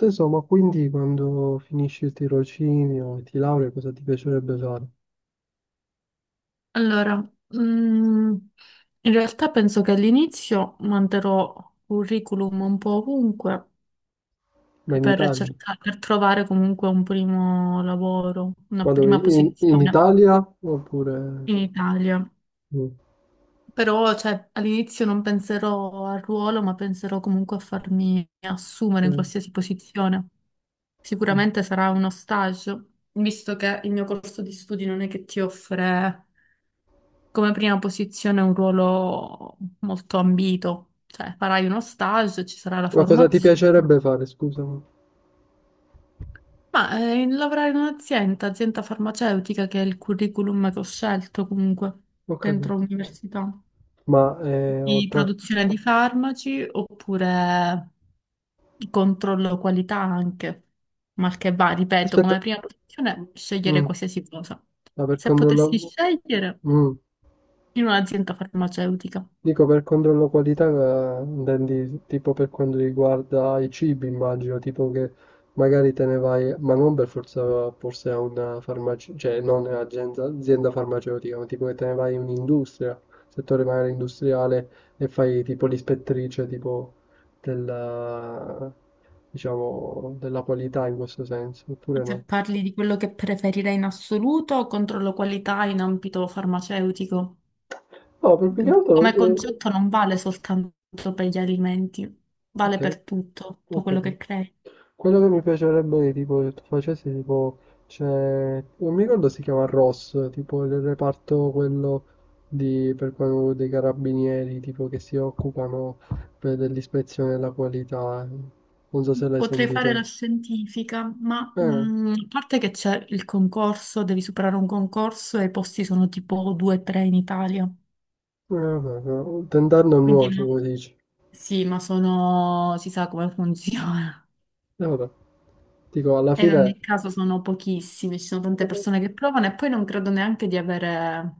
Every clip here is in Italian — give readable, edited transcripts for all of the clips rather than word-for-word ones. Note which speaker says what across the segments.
Speaker 1: Insomma, quindi quando finisci il tirocinio e ti laurei, cosa ti piacerebbe fare?
Speaker 2: Allora, mm, in realtà penso che all'inizio manderò curriculum un po' ovunque
Speaker 1: Ma in
Speaker 2: per
Speaker 1: Italia?
Speaker 2: cercare, per trovare comunque un primo lavoro, una
Speaker 1: Ma dove?
Speaker 2: prima
Speaker 1: In
Speaker 2: posizione
Speaker 1: Italia? Oppure...
Speaker 2: in Italia.
Speaker 1: mm,
Speaker 2: Però, cioè, all'inizio non penserò al ruolo, ma penserò comunque a farmi assumere in
Speaker 1: ok,
Speaker 2: qualsiasi posizione.
Speaker 1: sì.
Speaker 2: Sicuramente sarà uno stage, visto che il mio corso di studi non è che ti offre come prima posizione è un ruolo molto ambito, cioè farai uno stage, ci sarà la
Speaker 1: Ma cosa ti
Speaker 2: formazione.
Speaker 1: piacerebbe fare? Scusami,
Speaker 2: Ma lavorare in un'azienda, azienda farmaceutica, che è il curriculum che ho scelto comunque
Speaker 1: ho
Speaker 2: dentro
Speaker 1: capito.
Speaker 2: l'università,
Speaker 1: Ma eh,
Speaker 2: di
Speaker 1: oltre... a-
Speaker 2: produzione di farmaci oppure controllo qualità anche, mal che va, ripeto,
Speaker 1: Aspetta.
Speaker 2: come prima
Speaker 1: Mm,
Speaker 2: posizione scegliere
Speaker 1: mm,
Speaker 2: qualsiasi cosa.
Speaker 1: ma per
Speaker 2: Se potessi
Speaker 1: controllare...
Speaker 2: scegliere
Speaker 1: Mm.
Speaker 2: in un'azienda farmaceutica.
Speaker 1: Dico per controllo qualità, intendi tipo per quanto riguarda i cibi, immagino, tipo che magari te ne vai, ma non per forza forse a una farmacia, cioè non un'azienda azienda farmaceutica, ma tipo che te ne vai in un'industria, settore magari industriale, e fai tipo l'ispettrice tipo della, diciamo, della qualità in questo senso, oppure
Speaker 2: Se
Speaker 1: no?
Speaker 2: parli di quello che preferirei in assoluto, controllo qualità in ambito farmaceutico.
Speaker 1: No, per più che altro...
Speaker 2: Come concetto non vale soltanto per gli alimenti,
Speaker 1: Ok.
Speaker 2: vale per tutto,
Speaker 1: Ho
Speaker 2: tutto quello che
Speaker 1: capito.
Speaker 2: crei.
Speaker 1: Quello che mi piacerebbe che tipo, che tu facessi, tipo, c'è... non mi ricordo si chiama ROS, tipo il reparto quello di, per quello dei carabinieri, tipo che si occupano dell'ispezione della qualità. Non so se l'hai
Speaker 2: Potrei fare
Speaker 1: sentito.
Speaker 2: la scientifica, ma
Speaker 1: Eh, eh,
Speaker 2: a parte che c'è il concorso, devi superare un concorso e i posti sono tipo 2-3 in Italia.
Speaker 1: Vabbè, no, tentar non
Speaker 2: Quindi
Speaker 1: nuoce,
Speaker 2: no.
Speaker 1: come dici.
Speaker 2: Sì, ma sono... si sa come funziona.
Speaker 1: E vabbè, dico, alla
Speaker 2: E in
Speaker 1: fine...
Speaker 2: ogni caso sono pochissimi, ci sono tante persone che provano e poi non credo neanche di avere.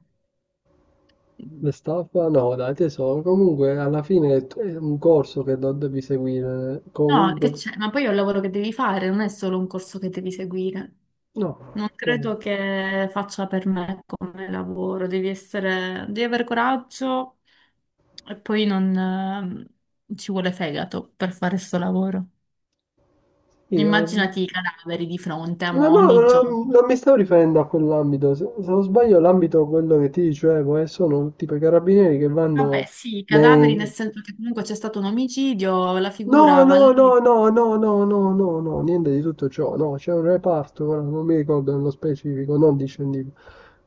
Speaker 1: Le
Speaker 2: Mm.
Speaker 1: staffa? No, dai, tesoro. Comunque, alla fine è un corso che non devi seguire.
Speaker 2: No, che
Speaker 1: Comunque...
Speaker 2: c'è? Ma poi è un lavoro che devi fare, non è solo un corso che devi seguire.
Speaker 1: No,
Speaker 2: Non
Speaker 1: okay.
Speaker 2: credo che faccia per me come lavoro, devi essere, devi avere coraggio e poi non ci vuole fegato per fare questo lavoro.
Speaker 1: Io...
Speaker 2: Immaginati i cadaveri di fronte a
Speaker 1: No, no,
Speaker 2: ogni giorno.
Speaker 1: non mi stavo riferendo a quell'ambito. Se non sbaglio, l'ambito quello che ti dicevo, sono tipo i carabinieri che
Speaker 2: Vabbè,
Speaker 1: vanno
Speaker 2: sì, i cadaveri nel
Speaker 1: nei,
Speaker 2: senso che comunque c'è stato un omicidio, la
Speaker 1: No,
Speaker 2: figura va
Speaker 1: no, no,
Speaker 2: lì.
Speaker 1: no, no, no, no, no, no, niente di tutto ciò, no, c'è un reparto, ora non mi ricordo nello specifico, non discendivo,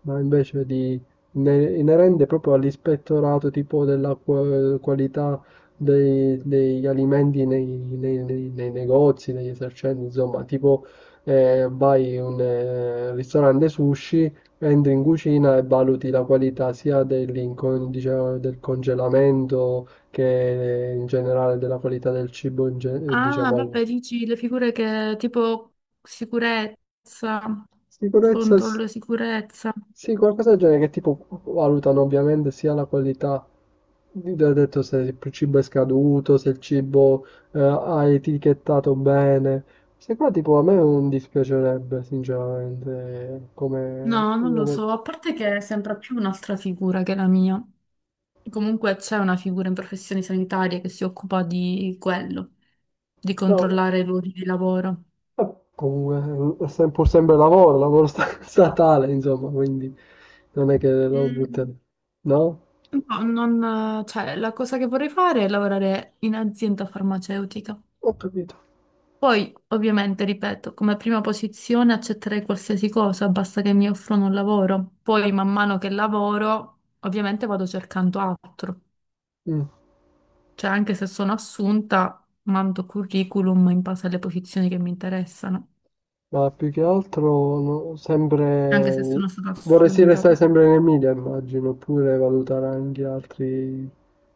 Speaker 1: ma invece di inerente proprio all'ispettorato tipo della qualità degli alimenti nei negozi, degli esercenti, insomma, tipo vai in un ristorante sushi, entri in cucina e valuti la qualità sia diciamo, del congelamento che in generale della qualità del cibo,
Speaker 2: Ah,
Speaker 1: diciamo,
Speaker 2: vabbè, dici le figure che tipo sicurezza,
Speaker 1: sicurezza,
Speaker 2: controllo sicurezza.
Speaker 1: sì, qualcosa del genere che tipo valutano ovviamente sia la qualità, ho detto se il cibo è scaduto, se il cibo ha etichettato bene, se qua tipo a me non dispiacerebbe sinceramente come
Speaker 2: No, non lo
Speaker 1: lavoro.
Speaker 2: so, a parte che sembra più un'altra figura che la mia. Comunque c'è una figura in professioni sanitarie che si occupa di quello, di
Speaker 1: No,
Speaker 2: controllare i luoghi di lavoro.
Speaker 1: comunque è pur sempre lavoro, statale insomma, quindi non è che lo butterò,
Speaker 2: Mm,
Speaker 1: no?
Speaker 2: no, non, cioè, la cosa che vorrei fare è lavorare in azienda farmaceutica.
Speaker 1: Ho capito.
Speaker 2: Poi, ovviamente, ripeto, come prima posizione accetterei qualsiasi cosa, basta che mi offrono un lavoro. Poi, man mano che lavoro, ovviamente vado cercando altro.
Speaker 1: Mm.
Speaker 2: Cioè, anche se sono assunta, mando curriculum in base alle posizioni che mi interessano.
Speaker 1: Ma più che altro, no,
Speaker 2: Anche se
Speaker 1: sempre...
Speaker 2: sono stata
Speaker 1: Vorresti
Speaker 2: assunta.
Speaker 1: restare sempre in Emilia, immagino, oppure valutare anche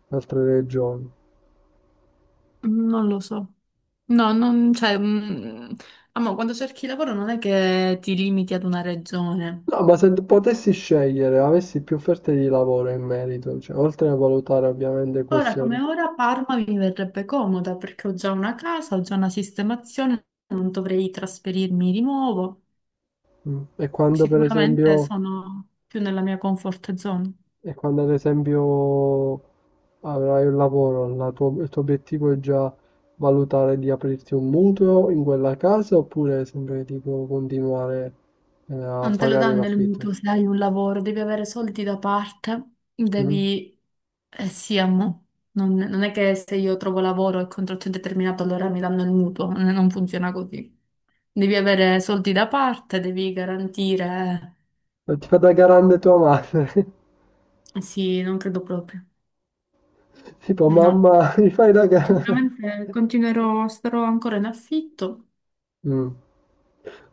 Speaker 1: altre regioni.
Speaker 2: Non lo so. No, non, cioè, amo, quando cerchi lavoro non è che ti limiti ad una regione.
Speaker 1: No, ma se potessi scegliere, avessi più offerte di lavoro in merito, cioè, oltre a valutare ovviamente
Speaker 2: Ora
Speaker 1: questioni.
Speaker 2: come ora Parma mi verrebbe comoda perché ho già una casa, ho già una sistemazione, non dovrei trasferirmi di nuovo.
Speaker 1: Mm.
Speaker 2: Sicuramente sono più nella mia comfort zone.
Speaker 1: E quando ad esempio avrai un lavoro, il tuo obiettivo è già valutare di aprirti un mutuo in quella casa oppure sempre tipo continuare a
Speaker 2: Non te lo
Speaker 1: pagare
Speaker 2: danno il
Speaker 1: l'affitto?
Speaker 2: mutuo se hai un lavoro, devi avere soldi da parte,
Speaker 1: Mm?
Speaker 2: devi... Eh sì, amo. Non è che se io trovo lavoro e contratto indeterminato allora mi danno il mutuo, non funziona così. Devi avere soldi da parte, devi garantire...
Speaker 1: E ti fa da garante tua madre,
Speaker 2: Eh sì, non credo proprio.
Speaker 1: tipo
Speaker 2: No.
Speaker 1: mamma, mi fai da garante.
Speaker 2: Sicuramente continuerò, starò ancora in affitto.
Speaker 1: Mm.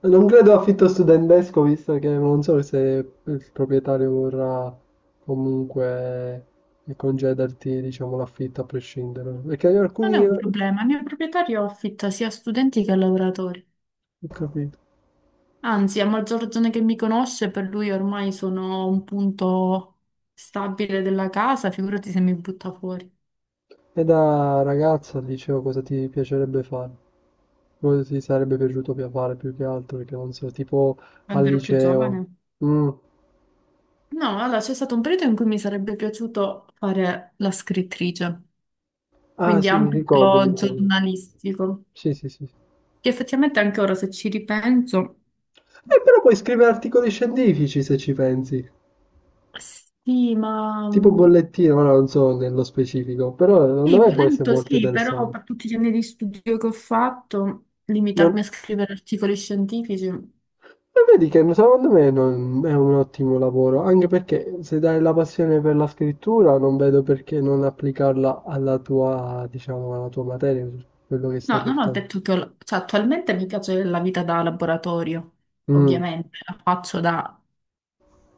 Speaker 1: Non credo affitto studentesco, visto che non so se il proprietario vorrà comunque concederti, diciamo, l'affitto a prescindere. Perché
Speaker 2: Non è
Speaker 1: alcuni...
Speaker 2: un
Speaker 1: Ho
Speaker 2: problema, il mio proprietario affitta sia a studenti che a lavoratori.
Speaker 1: capito.
Speaker 2: Anzi, a maggior ragione che mi conosce, per lui ormai sono un punto stabile della casa, figurati se mi butta fuori.
Speaker 1: E da ragazza al liceo cosa ti piacerebbe fare? Cosa ti sarebbe piaciuto fare più che altro? Perché non so, tipo al
Speaker 2: Quando ero più
Speaker 1: liceo.
Speaker 2: giovane.
Speaker 1: Mm.
Speaker 2: No, allora c'è stato un periodo in cui mi sarebbe piaciuto fare la scrittrice,
Speaker 1: Ah
Speaker 2: quindi
Speaker 1: sì, mi ricordo, mi
Speaker 2: ambito
Speaker 1: ricordo.
Speaker 2: giornalistico,
Speaker 1: Sì, sì, sì.
Speaker 2: che effettivamente anche ora se ci ripenso,
Speaker 1: Però puoi scrivere articoli scientifici se ci pensi.
Speaker 2: sì, ma...
Speaker 1: Tipo bollettino, ma non so nello specifico. Però secondo
Speaker 2: sì,
Speaker 1: me può essere
Speaker 2: violento
Speaker 1: molto
Speaker 2: sì, però
Speaker 1: interessante.
Speaker 2: per tutti gli anni di studio che ho fatto,
Speaker 1: Ma
Speaker 2: limitarmi a scrivere articoli scientifici.
Speaker 1: E vedi che secondo me è un ottimo lavoro, anche perché se dai la passione per la scrittura, non vedo perché non applicarla alla tua, diciamo, alla tua materia, su quello che stai
Speaker 2: No, non ho
Speaker 1: portando.
Speaker 2: detto che cioè, attualmente mi piace la vita da laboratorio,
Speaker 1: Mm,
Speaker 2: ovviamente, la faccio da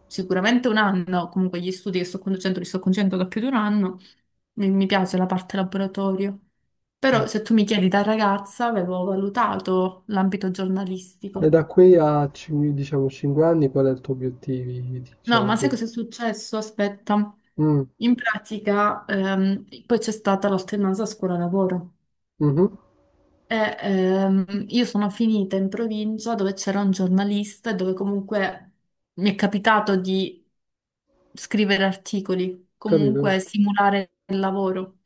Speaker 2: sicuramente un anno, comunque gli studi che sto conducendo li sto conducendo da più di un anno, mi piace la parte laboratorio. Però
Speaker 1: mm.
Speaker 2: se tu mi chiedi da ragazza, avevo valutato l'ambito
Speaker 1: E
Speaker 2: giornalistico.
Speaker 1: da qui a, diciamo, 5 anni, qual è il tuo obiettivo?
Speaker 2: No,
Speaker 1: Diciamo,
Speaker 2: ma sai
Speaker 1: che-
Speaker 2: cosa è successo? Aspetta.
Speaker 1: Mm,
Speaker 2: In pratica, poi c'è stata l'alternanza scuola-lavoro.
Speaker 1: mhm,
Speaker 2: E, io sono finita in provincia dove c'era un giornalista e dove comunque mi è capitato di scrivere articoli,
Speaker 1: capito?
Speaker 2: comunque simulare il lavoro.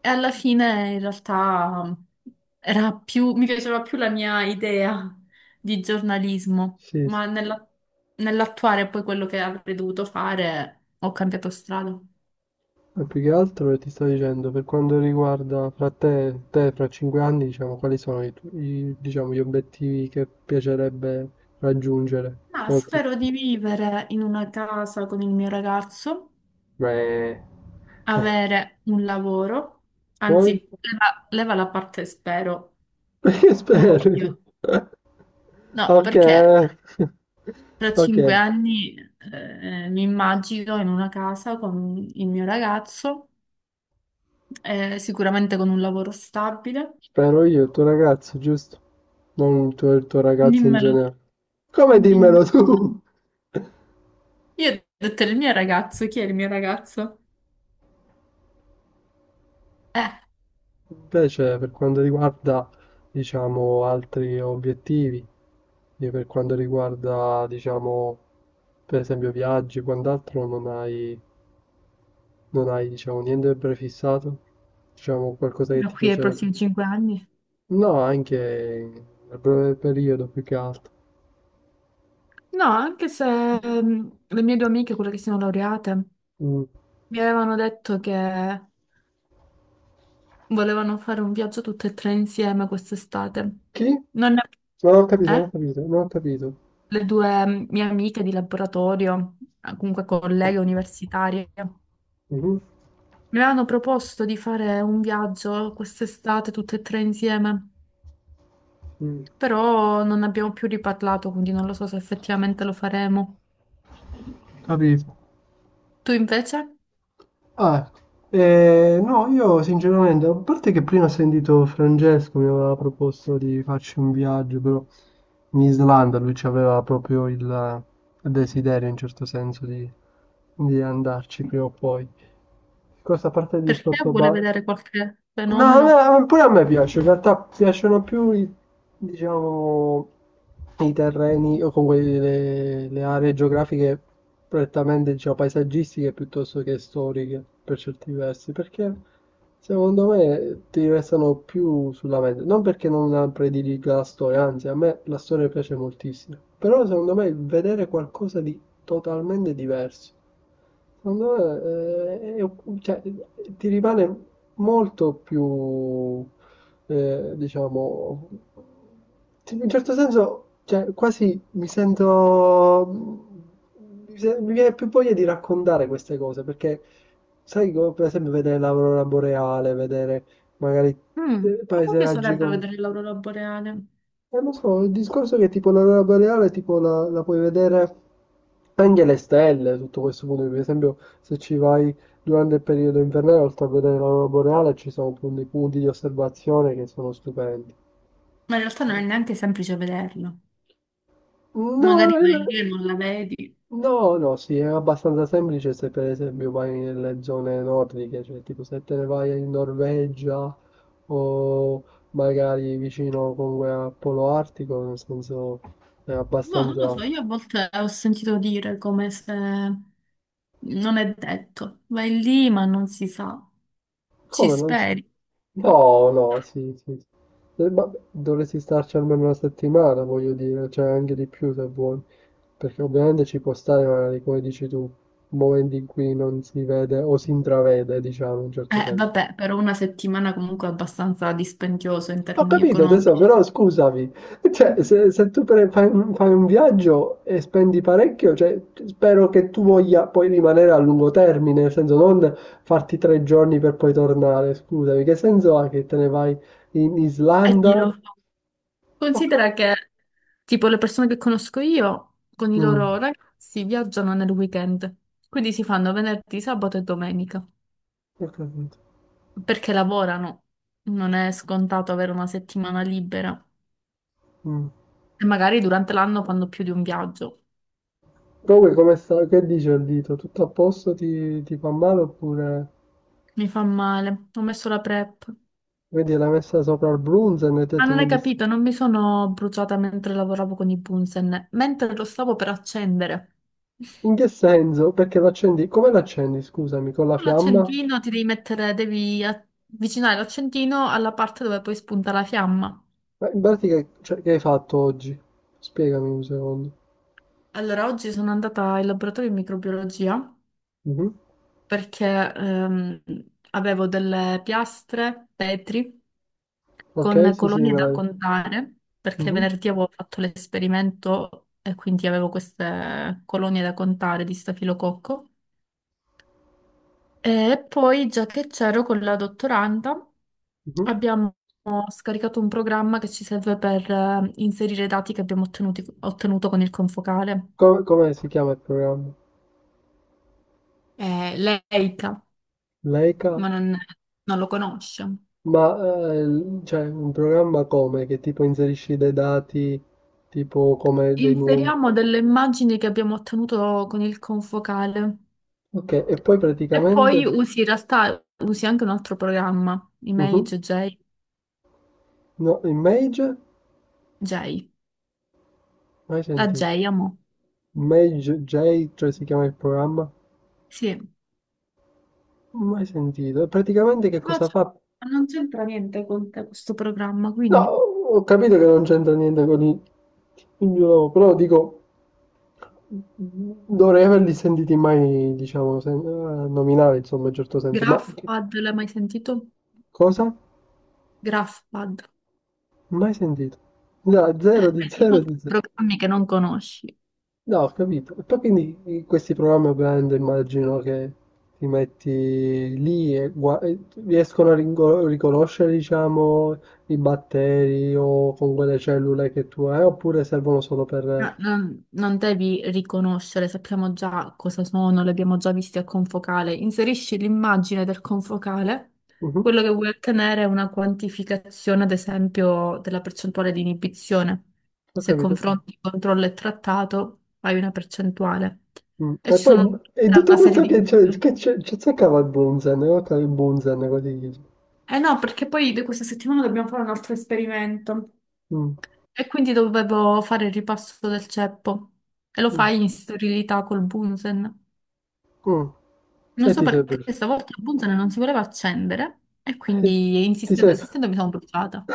Speaker 2: E alla fine in realtà era più, mi piaceva più la mia idea di giornalismo,
Speaker 1: Sì, sì.
Speaker 2: ma nell'attuare poi quello che avrei dovuto fare ho cambiato strada.
Speaker 1: Ma più che altro ti sto dicendo, per quanto riguarda fra te, te fra 5 anni, diciamo, quali sono diciamo, gli obiettivi che piacerebbe raggiungere?
Speaker 2: Ma
Speaker 1: Oltre.
Speaker 2: spero di vivere in una casa con il mio ragazzo,
Speaker 1: Beh,
Speaker 2: avere un lavoro,
Speaker 1: poi?
Speaker 2: anzi, leva, leva la parte spero,
Speaker 1: Perché spero?
Speaker 2: voglio. No,
Speaker 1: Ok,
Speaker 2: perché tra
Speaker 1: ok,
Speaker 2: 5 anni mi immagino in una casa con il mio ragazzo, sicuramente con un lavoro stabile.
Speaker 1: spero io, il tuo ragazzo, giusto? Non il tuo, il tuo ragazzo in
Speaker 2: Dimmelo,
Speaker 1: generale. Come
Speaker 2: dimmelo.
Speaker 1: dimmelo tu?
Speaker 2: Io ho detto il mio ragazzo, chi è il mio ragazzo? Eh.
Speaker 1: Invece, per quanto riguarda, diciamo, altri obiettivi, e per quanto riguarda, diciamo, per esempio viaggi, quant'altro, non hai, diciamo, niente prefissato? Diciamo qualcosa che
Speaker 2: Da
Speaker 1: ti
Speaker 2: qui ai
Speaker 1: piacerebbe?
Speaker 2: prossimi 5 anni.
Speaker 1: No, anche nel breve periodo più che altro.
Speaker 2: No, anche se le mie due amiche, quelle che sono laureate,
Speaker 1: Mm.
Speaker 2: mi avevano detto che volevano fare un viaggio tutte e tre insieme quest'estate.
Speaker 1: Chi? No,
Speaker 2: Non ne-
Speaker 1: non ho capito, non ho
Speaker 2: Eh?
Speaker 1: capito, non ho capito.
Speaker 2: Le due mie amiche di laboratorio, comunque colleghe universitarie.
Speaker 1: Mhm,
Speaker 2: Mi avevano proposto di fare un viaggio quest'estate tutte e tre insieme,
Speaker 1: mm,
Speaker 2: però non abbiamo più riparlato, quindi non lo so se effettivamente lo faremo.
Speaker 1: Capito.
Speaker 2: Tu invece?
Speaker 1: Ah, no, io sinceramente, a parte che prima ho sentito Francesco mi aveva proposto di farci un viaggio, però in Islanda lui aveva proprio il desiderio in certo senso di andarci prima o poi. Questa parte del
Speaker 2: Perché
Speaker 1: discorso
Speaker 2: vuole
Speaker 1: bar...
Speaker 2: vedere qualche
Speaker 1: No,
Speaker 2: fenomeno?
Speaker 1: a pure a me piace, in realtà piacciono più i, diciamo, i terreni o comunque le aree geografiche prettamente, diciamo, paesaggistiche piuttosto che storiche per certi versi, perché secondo me ti restano più sulla mente, non perché non la prediliga la storia, anzi a me la storia piace moltissimo, però secondo me vedere qualcosa di totalmente diverso. Secondo me, cioè, ti rimane molto più, diciamo, in un certo senso, cioè, quasi mi sento, mi se- mi viene più voglia di raccontare queste cose, perché sai, come per esempio vedere l'aurora boreale, vedere magari
Speaker 2: Mm, a me
Speaker 1: paesaggi
Speaker 2: piacerebbe
Speaker 1: con
Speaker 2: vedere l'aurora boreale,
Speaker 1: lo so, il discorso è che tipo l'aurora boreale tipo la puoi vedere anche le stelle, tutto questo punto, per esempio se ci vai durante il periodo invernale, oltre a vedere l'aurora boreale, ci sono appunto dei punti di osservazione che sono stupendi.
Speaker 2: ma in realtà non è neanche semplice vederlo.
Speaker 1: No, no,
Speaker 2: Magari vai lì e non la vedi.
Speaker 1: no, no, sì, è abbastanza semplice se per esempio vai nelle zone nordiche, cioè tipo se te ne vai in Norvegia o magari vicino comunque al polo artico, nel senso è
Speaker 2: Boh, non lo so,
Speaker 1: abbastanza...
Speaker 2: io a volte ho sentito dire come se non è detto. Vai lì, ma non si sa. Ci
Speaker 1: Come non c'è?
Speaker 2: speri.
Speaker 1: No, no, sì, sì. Sì. Ma dovresti starci almeno una settimana, voglio dire, cioè anche di più se vuoi. Perché ovviamente ci può stare, magari, come dici tu, momenti in cui non si vede o si intravede, diciamo, in un certo senso.
Speaker 2: Vabbè, però una settimana comunque è abbastanza dispendioso in
Speaker 1: Ho
Speaker 2: termini
Speaker 1: capito tesoro,
Speaker 2: economici.
Speaker 1: però scusami, cioè, se tu fai un viaggio e spendi parecchio, cioè, spero che tu voglia poi rimanere a lungo termine, nel senso non farti 3 giorni per poi tornare, scusami, che senso ha che te ne vai in
Speaker 2: E chi
Speaker 1: Islanda?
Speaker 2: lo fa?
Speaker 1: Ho
Speaker 2: Considera
Speaker 1: capito.
Speaker 2: che, tipo, le persone che conosco io con i
Speaker 1: Mm,
Speaker 2: loro ragazzi viaggiano nel weekend, quindi si fanno venerdì, sabato e domenica,
Speaker 1: ho capito.
Speaker 2: perché lavorano. Non è scontato avere una settimana libera.
Speaker 1: Mm.
Speaker 2: E magari durante l'anno fanno più di un viaggio.
Speaker 1: Comunque, come sta, che dice il dito? Tutto a posto? Ti fa male oppure
Speaker 2: Mi fa male. Ho messo la prep.
Speaker 1: vedi l'ha messa sopra il Brunzen e hai
Speaker 2: Ah,
Speaker 1: detto
Speaker 2: non hai
Speaker 1: quindi...
Speaker 2: capito, non mi sono bruciata mentre lavoravo con i Bunsen, mentre lo stavo per accendere.
Speaker 1: In che senso? Perché l'accendi? Come l'accendi, scusami, con la
Speaker 2: Con
Speaker 1: fiamma?
Speaker 2: l'accendino ti devi mettere, devi avvicinare l'accendino alla parte dove poi spunta la fiamma.
Speaker 1: Ma in pratica che, cioè, che hai fatto oggi? Spiegami un secondo.
Speaker 2: Allora, oggi sono andata in laboratorio di microbiologia
Speaker 1: Mhm.
Speaker 2: perché ehm, avevo delle piastre, petri,
Speaker 1: Ok,
Speaker 2: con
Speaker 1: sì, sì,
Speaker 2: colonie
Speaker 1: me
Speaker 2: da
Speaker 1: l'hai.
Speaker 2: contare, perché
Speaker 1: Mhm,
Speaker 2: venerdì avevo fatto l'esperimento e quindi avevo queste colonie da contare di stafilococco. E poi, già che c'ero con la dottoranda,
Speaker 1: mhm.
Speaker 2: abbiamo scaricato un programma che ci serve per inserire i dati che abbiamo ottenuto con il confocale.
Speaker 1: Come si chiama il programma?
Speaker 2: Lei, Eita.
Speaker 1: Leica?
Speaker 2: Ma non, non lo conosce.
Speaker 1: Ma cioè, un programma come? Che tipo inserisci dei dati, tipo come dei numeri.
Speaker 2: Inseriamo delle immagini che abbiamo ottenuto con il confocale
Speaker 1: Ok, e poi
Speaker 2: e poi
Speaker 1: praticamente.
Speaker 2: usi in realtà usi anche un altro programma,
Speaker 1: Mhm.
Speaker 2: Image J,
Speaker 1: No, Image?
Speaker 2: J,
Speaker 1: Mai
Speaker 2: la
Speaker 1: sentito.
Speaker 2: J, amo.
Speaker 1: Image J, cioè si chiama il programma?
Speaker 2: Sì,
Speaker 1: Mai sentito. E praticamente che
Speaker 2: ma
Speaker 1: cosa fa?
Speaker 2: non c'entra niente con te questo programma,
Speaker 1: No,
Speaker 2: quindi
Speaker 1: ho capito che non c'entra niente con i. Io però dico, dovrei averli sentiti mai, diciamo, nominare, insomma, in un certo senso, ma che
Speaker 2: Graphpad, l'hai mai sentito?
Speaker 1: cosa?
Speaker 2: Graphpad.
Speaker 1: Mai sentito. No, zero di
Speaker 2: Vedi,
Speaker 1: zero
Speaker 2: sono
Speaker 1: di
Speaker 2: tutti
Speaker 1: zero.
Speaker 2: programmi che non conosci.
Speaker 1: No, ho capito. E poi quindi in questi programmi ovviamente immagino che ti metti lì e, e riescono a riconoscere, diciamo, i batteri o con quelle cellule che tu hai, oppure servono solo per...
Speaker 2: No, non devi riconoscere, sappiamo già cosa sono, li abbiamo già visti al confocale. Inserisci l'immagine del confocale,
Speaker 1: Mhm,
Speaker 2: quello che vuoi ottenere è una quantificazione, ad esempio, della percentuale di inibizione.
Speaker 1: Ho
Speaker 2: Se
Speaker 1: capito.
Speaker 2: confronti controllo e trattato, hai una percentuale.
Speaker 1: Mm.
Speaker 2: E
Speaker 1: E
Speaker 2: ci
Speaker 1: poi
Speaker 2: sono
Speaker 1: e
Speaker 2: tutta
Speaker 1: tutto
Speaker 2: una serie
Speaker 1: questo
Speaker 2: di...
Speaker 1: che c'è cercava il Bunzen, guarda il Bunzen, così dice.
Speaker 2: Eh no, perché poi di questa settimana dobbiamo fare un altro esperimento.
Speaker 1: Mm,
Speaker 2: E quindi dovevo fare il ripasso del ceppo. E lo
Speaker 1: mm,
Speaker 2: fai in sterilità col Bunsen.
Speaker 1: mm.
Speaker 2: Non
Speaker 1: E
Speaker 2: so
Speaker 1: ti serve.
Speaker 2: perché stavolta il Bunsen non si voleva accendere e quindi
Speaker 1: Ti
Speaker 2: insistendo,
Speaker 1: serve.
Speaker 2: insistendo mi sono bruciata.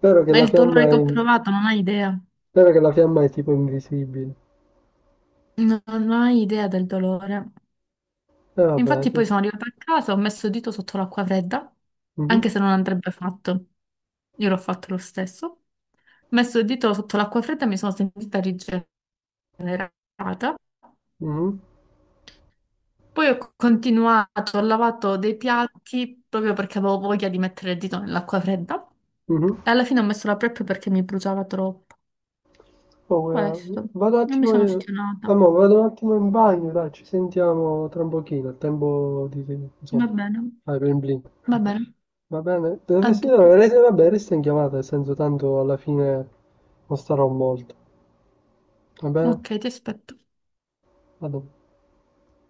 Speaker 1: Vero che
Speaker 2: Ma
Speaker 1: la
Speaker 2: il
Speaker 1: fiamma
Speaker 2: dolore
Speaker 1: è,
Speaker 2: che ho
Speaker 1: in-
Speaker 2: provato non hai idea.
Speaker 1: vero che la fiamma è tipo invisibile.
Speaker 2: Non hai idea del dolore.
Speaker 1: E vabbè.
Speaker 2: Infatti poi sono arrivata a casa, ho messo il dito sotto l'acqua fredda,
Speaker 1: Mhm,
Speaker 2: anche se non andrebbe fatto. Io l'ho fatto lo stesso. Ho messo il dito sotto l'acqua fredda e mi sono sentita rigenerata.
Speaker 1: mhm,
Speaker 2: Poi ho continuato, ho lavato dei piatti proprio perché avevo voglia di mettere il dito nell'acqua fredda
Speaker 1: mhm.
Speaker 2: e alla fine ho messo la prep perché mi bruciava troppo.
Speaker 1: Oh,
Speaker 2: Questo,
Speaker 1: vado un
Speaker 2: non mi
Speaker 1: attimo,
Speaker 2: sono
Speaker 1: in-
Speaker 2: ostinata.
Speaker 1: amore, vado un attimo in bagno, dai, ci sentiamo tra un pochino, a tempo di,
Speaker 2: Va
Speaker 1: insomma,
Speaker 2: bene,
Speaker 1: fare blin blin.
Speaker 2: va bene,
Speaker 1: Va bene? Del
Speaker 2: a
Speaker 1: resto-
Speaker 2: dopo.
Speaker 1: vabbè, resta in chiamata, nel senso tanto alla fine non starò molto. Va bene?
Speaker 2: Ok, ti aspetto.
Speaker 1: Vado.